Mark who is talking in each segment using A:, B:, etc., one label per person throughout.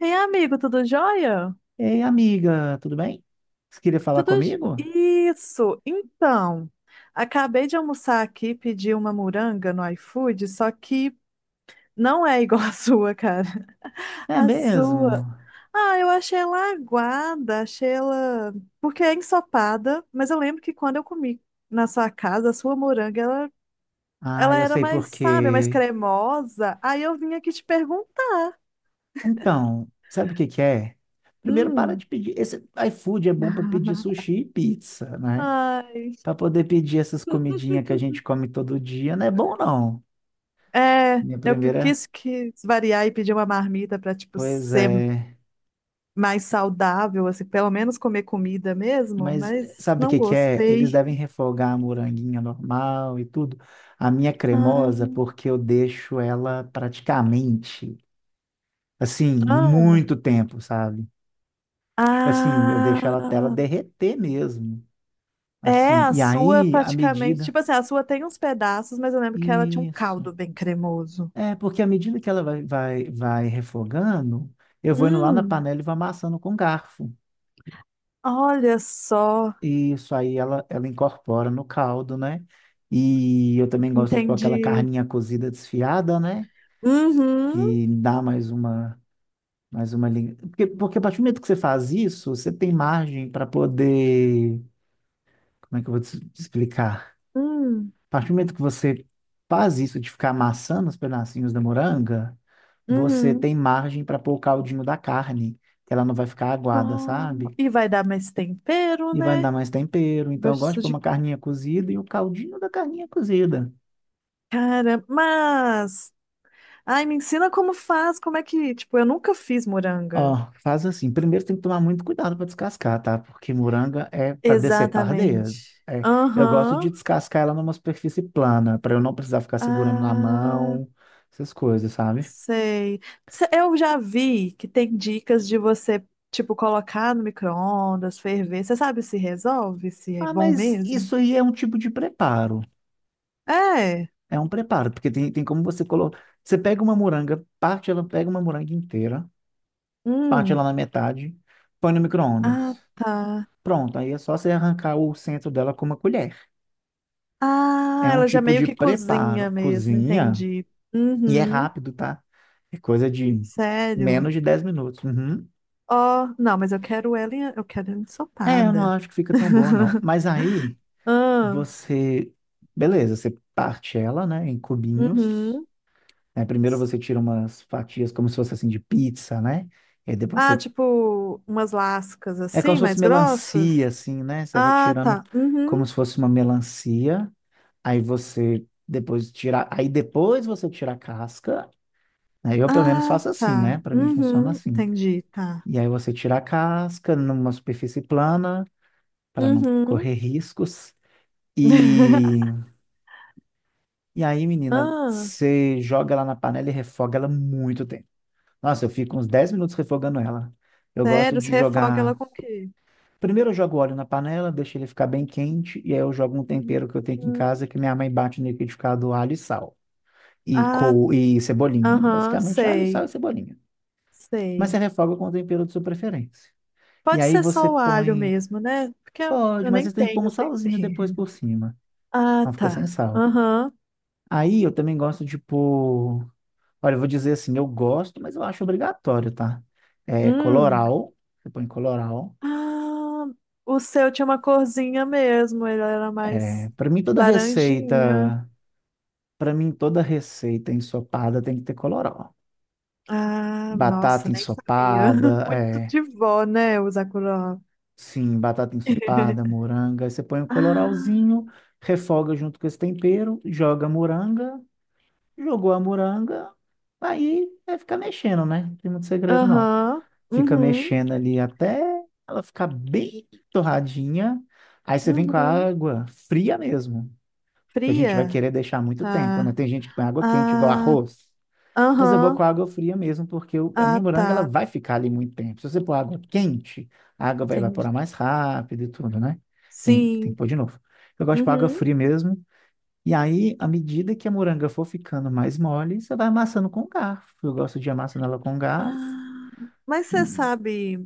A: Ei, amigo, tudo jóia?
B: Ei, amiga, tudo bem? Você queria falar
A: Tudo j-
B: comigo?
A: isso. Então, acabei de almoçar aqui, pedi uma moranga no iFood, só que não é igual a sua, cara.
B: É
A: A sua.
B: mesmo?
A: Ah, eu achei ela aguada, achei ela porque é ensopada, mas eu lembro que quando eu comi na sua casa, a sua moranga, ela,
B: Ah,
A: ela
B: eu
A: era
B: sei
A: mais,
B: por
A: sabe, mais
B: quê.
A: cremosa. Aí eu vim aqui te perguntar.
B: Então, sabe o que que é? Primeiro, para
A: Hum.
B: de pedir. Esse iFood é bom para pedir sushi e pizza, né?
A: Ai.
B: Para poder pedir essas comidinhas que a gente come todo dia, não é bom, não.
A: É,
B: Minha
A: eu pe-
B: primeira.
A: quis que variar e pedir uma marmita para tipo
B: Pois
A: ser
B: é.
A: mais saudável, assim, pelo menos comer comida mesmo,
B: Mas
A: mas
B: sabe o
A: não
B: que que é? Eles
A: gostei.
B: devem refogar a moranguinha normal e tudo. A minha
A: Ah,
B: cremosa, porque eu deixo ela praticamente. Assim,
A: ah,
B: muito tempo, sabe? Tipo assim, eu deixo ela até ela
A: ah.
B: derreter mesmo.
A: é
B: Assim,
A: a
B: e
A: sua
B: aí, à
A: praticamente,
B: medida.
A: tipo assim, a sua tem uns pedaços, mas eu lembro que ela tinha um
B: Isso.
A: caldo bem cremoso.
B: É, porque à medida que ela vai refogando, eu vou indo lá na
A: Hum,
B: panela e vou amassando com garfo.
A: olha só,
B: Isso aí ela incorpora no caldo, né? E eu também gosto de pôr aquela
A: entendi.
B: carninha cozida desfiada, né?
A: Uhum,
B: Que dá mais uma, porque, a partir do momento que você faz isso, você tem margem para poder. Como é que eu vou te explicar?
A: hum,
B: A partir do momento que você faz isso de ficar amassando os pedacinhos da moranga, você
A: uhum.
B: tem margem para pôr o caldinho da carne, que ela não vai ficar aguada,
A: Nó-
B: sabe?
A: E vai dar mais tempero,
B: E vai dar
A: né?
B: mais tempero. Então, eu gosto de
A: Gosto
B: pôr
A: de
B: uma carninha cozida e o caldinho da carninha cozida.
A: Cara, mas. Ai, me ensina como faz, como é que. Tipo, eu nunca fiz
B: Ó,
A: moranga.
B: faz assim. Primeiro tem que tomar muito cuidado para descascar, tá? Porque moranga é para decepar
A: Exatamente.
B: dedo. É, eu gosto de
A: Aham.
B: descascar ela numa superfície plana, para eu não precisar ficar segurando na
A: Ah,
B: mão, essas coisas, sabe?
A: sei. Se- Eu já vi que tem dicas de você, tipo, colocar no micro-ondas, ferver. Você sabe se resolve, se é
B: Ah,
A: bom
B: mas
A: mesmo?
B: isso aí é um tipo de preparo.
A: É.
B: É um preparo, porque tem como você colocar. Você pega uma moranga, parte ela, pega uma moranga inteira, parte ela
A: Hum.
B: na metade, põe no
A: Ah,
B: micro-ondas.
A: tá.
B: Pronto, aí é só você arrancar o centro dela com uma colher.
A: Ah,
B: É um
A: ela já
B: tipo
A: meio
B: de
A: que cozinha
B: preparo,
A: mesmo,
B: cozinha,
A: entendi.
B: e é
A: Uhum.
B: rápido, tá? É coisa de
A: Sério.
B: menos de 10 minutos. Uhum.
A: Ó, não, mas eu quero ela, em- eu quero ela
B: É, eu não
A: ensopada.
B: acho que fica tão boa, não. Mas aí
A: Ah,
B: você. Beleza, você parte ela, né, em cubinhos,
A: uhum.
B: né? Primeiro você tira umas fatias como se fosse assim de pizza, né? E depois
A: Ah,
B: você.
A: tipo, umas lascas
B: É como
A: assim,
B: se fosse
A: mais grossas?
B: melancia, assim, né? Você vai
A: Ah,
B: tirando
A: tá.
B: como
A: Uhum.
B: se fosse uma melancia. Aí você depois tira. Aí depois você tira a casca. Aí eu pelo menos
A: Ah,
B: faço assim, né?
A: tá.
B: Para mim funciona
A: Uhum.
B: assim.
A: Entendi, tá.
B: E aí você tira a casca numa superfície plana para não
A: Uhum.
B: correr riscos. E, e aí, menina,
A: Ah,
B: você joga ela na panela e refoga ela muito tempo. Nossa, eu fico uns 10 minutos refogando ela. Eu gosto
A: sério,
B: de
A: você refoga ela
B: jogar.
A: com o quê?
B: Primeiro eu jogo óleo na panela, deixo ele ficar bem quente, e aí eu jogo um tempero que eu tenho aqui em
A: Uhum.
B: casa que minha mãe bate no liquidificador alho e sal. E,
A: Ah,
B: e cebolinha.
A: aham,
B: Basicamente, alho, sal
A: sei,
B: e cebolinha. Mas você
A: sei.
B: refoga com o tempero de sua preferência. E
A: Pode
B: aí
A: ser
B: você
A: só o alho
B: põe.
A: mesmo, né? Porque eu
B: Pode,
A: eu
B: mas
A: nem
B: você tem que pôr um
A: tenho
B: salzinho depois
A: tempero.
B: por cima.
A: Ah,
B: Não fica sem
A: tá.
B: sal.
A: Aham.
B: Aí eu também gosto de pôr. Olha, eu vou dizer assim, eu gosto, mas eu acho obrigatório, tá? É
A: Hum.
B: colorau. Você põe colorau.
A: Ah, o seu tinha uma corzinha mesmo, ele era mais
B: É,
A: laranjinha.
B: para mim toda receita ensopada tem que ter colorau.
A: Ah,
B: Batata
A: nossa, nem sabia.
B: ensopada,
A: Muito
B: é,
A: de vó, né, o Sakura.
B: sim, batata ensopada, moranga, aí você põe um
A: Ah,
B: colorauzinho, refoga junto com esse tempero, joga a moranga, jogou a moranga, aí é ficar mexendo, né? Não tem muito segredo não.
A: aham,
B: Fica
A: uhum,
B: mexendo ali até ela ficar bem torradinha, aí você vem com a
A: uhum.
B: água fria mesmo. Que a gente vai
A: Fria,
B: querer deixar muito tempo, né?
A: tá.
B: Tem gente que põe água quente, igual
A: Ah,
B: arroz. Mas eu vou
A: aham,
B: com água fria mesmo, porque a
A: ah,
B: minha moranga ela
A: tá.
B: vai ficar ali muito tempo. Se você pôr água quente, a água vai
A: Entendi.
B: evaporar mais rápido e tudo, né? Tem
A: Sim,
B: que pôr de novo. Eu gosto de pôr água
A: uhum.
B: fria mesmo. E aí, à medida que a moranga for ficando mais mole, você vai amassando com garfo. Eu gosto de amassando ela com garfo.
A: Ah, mas você sabe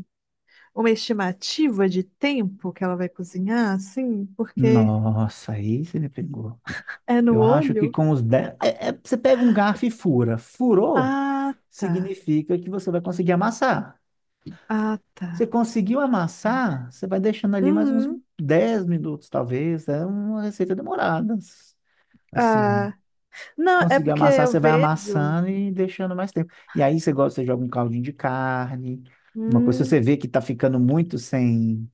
A: uma estimativa de tempo que ela vai cozinhar, assim? Porque
B: Nossa, aí você me pegou.
A: é no
B: Eu acho que
A: olho?
B: com os 10, você pega um garfo e fura. Furou,
A: Ah, tá.
B: significa que você vai conseguir amassar.
A: Ah,
B: Você
A: tá.
B: conseguiu amassar, você vai deixando ali mais uns
A: Uhum.
B: 10 minutos, talvez. É uma receita demorada. Assim,
A: Ah. Não, é
B: conseguiu
A: porque
B: amassar,
A: eu
B: você vai
A: vejo.
B: amassando e deixando mais tempo. E aí você gosta, você joga um caldinho de carne, uma coisa, se você
A: Hum,
B: vê que tá ficando muito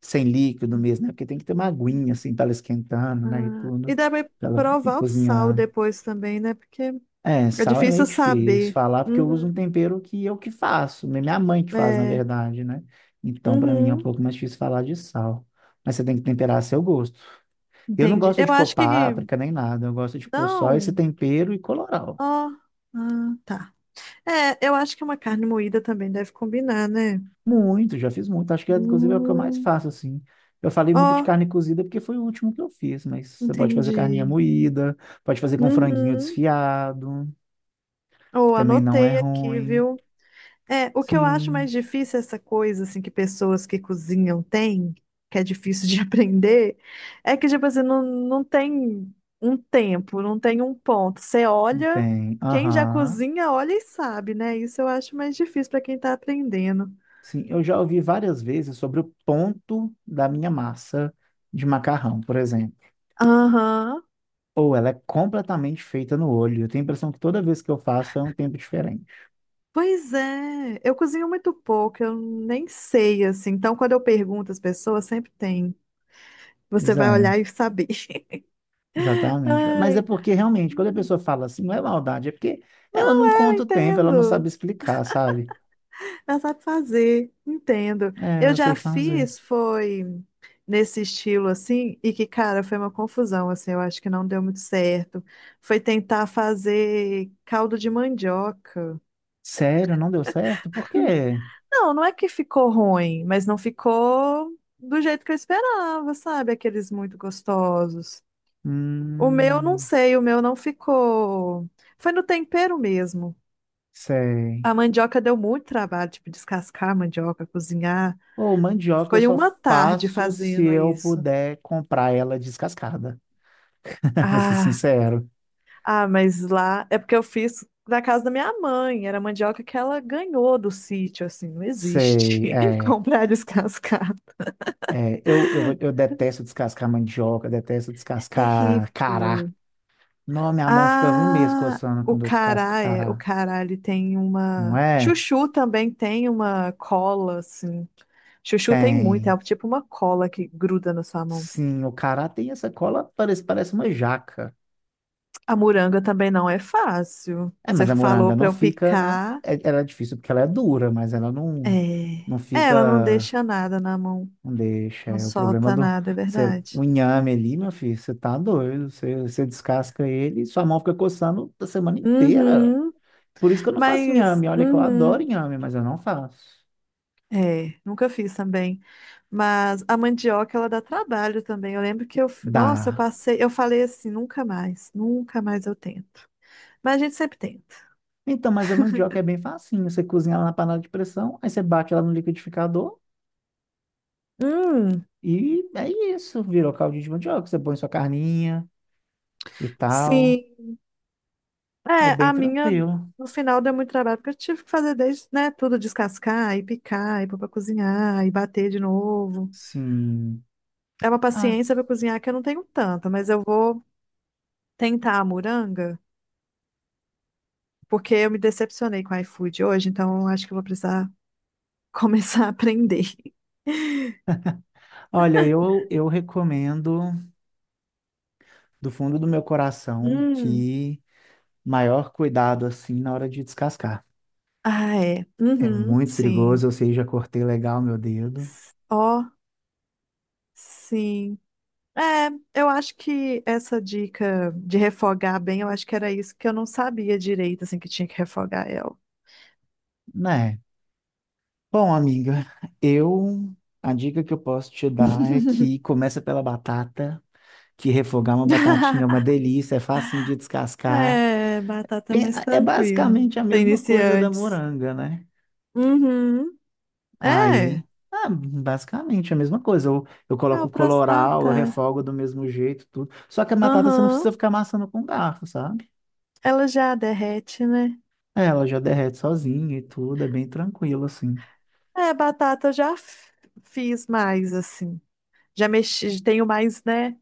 B: sem líquido mesmo, né? Porque tem que ter uma aguinha, assim, para ela esquentando, né? E
A: ah. E
B: tudo,
A: deve
B: para ela ir
A: provar o sal
B: cozinhar.
A: depois também, né? Porque
B: É,
A: é
B: sal é meio
A: difícil
B: difícil
A: saber.
B: falar porque eu uso um
A: Uhum.
B: tempero que eu que faço, né? Minha mãe que faz, na
A: É.
B: verdade, né? Então, para mim é um
A: Uhum.
B: pouco mais difícil falar de sal. Mas você tem que temperar a seu gosto. Eu não
A: Entendi.
B: gosto
A: Eu
B: de pôr
A: acho que.
B: páprica nem nada, eu gosto de pôr só esse
A: Não.
B: tempero e colorau.
A: Ó. Ah, tá. É, eu acho que uma carne moída também deve combinar, né?
B: Muito, já fiz muito, acho que inclusive é o que eu mais
A: Hum.
B: faço assim. Eu falei muito de
A: Ó,
B: carne cozida porque foi o último que eu fiz, mas você pode fazer carninha
A: entendi.
B: moída, pode fazer com franguinho
A: Uhum.
B: desfiado, que
A: Ou
B: também não é
A: anotei aqui,
B: ruim.
A: viu? É, o que eu acho mais
B: Sim,
A: difícil é essa coisa assim que pessoas que cozinham têm, que é difícil de aprender, é que tipo assim, não tem um tempo, não tem um ponto. Você olha,
B: tem.
A: quem já
B: Aham.
A: cozinha olha e sabe, né? Isso eu acho mais difícil para quem tá aprendendo.
B: Sim, eu já ouvi várias vezes sobre o ponto da minha massa de macarrão, por exemplo.
A: Aham.
B: Ou ela é completamente feita no olho. Eu tenho a impressão que toda vez que eu faço é um tempo diferente.
A: Pois é, eu cozinho muito pouco, eu nem sei assim. Então quando eu pergunto às pessoas, sempre tem. Você
B: Pois
A: vai olhar
B: é,
A: e saber.
B: exatamente. Mas é
A: Ai,
B: porque realmente, quando a pessoa fala assim, não é maldade, é porque ela não
A: eu
B: conta o tempo, ela não
A: entendo.
B: sabe explicar, sabe?
A: Ela sabe fazer, entendo.
B: É,
A: Eu
B: eu sei
A: já
B: fazer.
A: fiz, foi nesse estilo assim, e que, cara, foi uma confusão, assim, eu acho que não deu muito certo. Foi tentar fazer caldo de mandioca.
B: Sério, não deu certo? Por quê?
A: Não, não é que ficou ruim, mas não ficou do jeito que eu esperava, sabe? Aqueles muito gostosos. O meu, não
B: Hum,
A: sei, o meu não ficou. Foi no tempero mesmo.
B: sei.
A: A mandioca deu muito trabalho, tipo, descascar a mandioca, cozinhar.
B: Ou mandioca eu
A: Foi
B: só
A: uma tarde
B: faço se
A: fazendo
B: eu
A: isso.
B: puder comprar ela descascada. Vou ser
A: Ah,
B: sincero.
A: ah, mas lá é porque eu fiz da casa da minha mãe. Era mandioca que ela ganhou do sítio, assim, não
B: Sei,
A: existe
B: é.
A: comprar descascado.
B: Eu detesto descascar mandioca, detesto
A: É
B: descascar cará.
A: terrível.
B: Não, minha mão fica um mês
A: Ah,
B: coçando
A: o
B: quando eu descasco
A: cará é, o
B: cará.
A: cará ele tem
B: Não
A: uma,
B: é?
A: chuchu também tem uma cola assim. Chuchu tem muito, é
B: Tem.
A: tipo uma cola que gruda na sua mão.
B: Sim, o cará tem essa cola, parece uma jaca.
A: A moranga também não é fácil.
B: É,
A: Você
B: mas a
A: falou
B: moranga
A: pra
B: não
A: eu
B: fica, né?
A: picar,
B: Ela é difícil porque ela é dura, mas ela
A: é,
B: não, não
A: é, ela não
B: fica.
A: deixa nada na mão.
B: Não deixa,
A: Não
B: é o problema
A: solta
B: do.
A: nada, é
B: Você,
A: verdade.
B: o inhame ali, meu filho, você tá doido. Você descasca ele e sua mão fica coçando a semana inteira.
A: Uhum,
B: Por isso que eu não faço
A: mas,
B: inhame. Olha que eu adoro
A: uhum,
B: inhame, mas eu não faço.
A: é, nunca fiz também. Mas a mandioca, ela dá trabalho também. Eu lembro que eu, f- nossa, eu
B: Dá.
A: passei, eu falei assim, nunca mais, nunca mais eu tento. Mas a gente sempre tenta.
B: Então, mas a mandioca é bem facinho. Você cozinha ela na panela de pressão, aí você bate ela no liquidificador
A: Hum,
B: e é isso. Virou caldinho de mandioca. Você põe sua carninha e tal.
A: sim.
B: É
A: É,
B: bem
A: a minha,
B: tranquilo.
A: no final, deu muito trabalho, porque eu tive que fazer desde, né, tudo, descascar e picar, e pôr pra cozinhar, e bater de novo.
B: Sim.
A: É uma
B: Ah,
A: paciência pra cozinhar que eu não tenho tanta, mas eu vou tentar a moranga. Porque eu me decepcionei com o iFood hoje, então eu acho que eu vou precisar começar a aprender.
B: olha, eu recomendo do fundo do meu coração
A: Hum,
B: que maior cuidado assim na hora de descascar.
A: Ah, é.
B: É
A: Uhum,
B: muito
A: sim.
B: perigoso, eu sei, já cortei legal meu dedo,
A: Ó, sim. É, eu acho que essa dica de refogar bem, eu acho que era isso que eu não sabia direito, assim, que tinha que refogar ela.
B: né? Bom, amiga, eu a dica que eu posso te dar é que começa pela batata, que refogar uma batatinha é uma delícia, é fácil de descascar.
A: É, batata mais
B: É
A: tranquilo.
B: basicamente a
A: Pra
B: mesma coisa da
A: iniciantes.
B: moranga, né?
A: Uhum. É.
B: Aí, ah, basicamente é a mesma coisa. Eu
A: Ah,
B: coloco
A: o próximo. Ah,
B: coloral, eu
A: tá.
B: refogo do mesmo jeito, tudo. Só que a batata você não
A: Aham.
B: precisa ficar amassando com garfo, sabe?
A: Ela já derrete, né?
B: É, ela já derrete sozinha e tudo, é bem tranquilo, assim.
A: É, batata eu já f- fiz mais assim. Já mexi, tenho mais, né,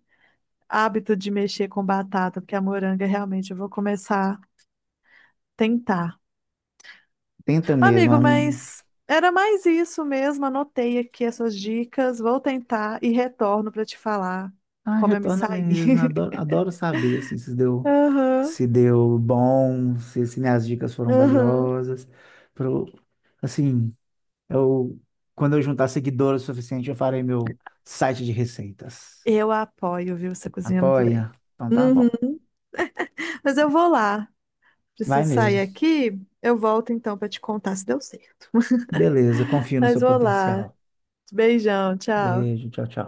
A: hábito de mexer com batata, porque a moranga realmente eu vou começar a tentar.
B: Tenta mesmo,
A: Amigo,
B: amigo.
A: mas era mais isso mesmo. Anotei aqui essas dicas, vou tentar e retorno para te falar
B: Ah,
A: como eu me
B: retorna
A: saí.
B: mesmo. Eu adoro saber, assim, se deu,
A: Aham,
B: se deu bom, se minhas dicas foram
A: aham.
B: valiosas. Pro, assim, eu, quando eu juntar seguidores o suficiente, eu farei meu site de receitas.
A: Eu apoio, viu? Você cozinha muito bem.
B: Apoia? Então tá
A: Uhum.
B: bom.
A: Mas eu vou lá.
B: Vai
A: Preciso sair
B: mesmo.
A: aqui. Eu volto então para te contar se deu certo.
B: Beleza, confio no
A: Mas
B: seu
A: vou lá.
B: potencial.
A: Beijão, tchau.
B: Beijo, tchau, tchau.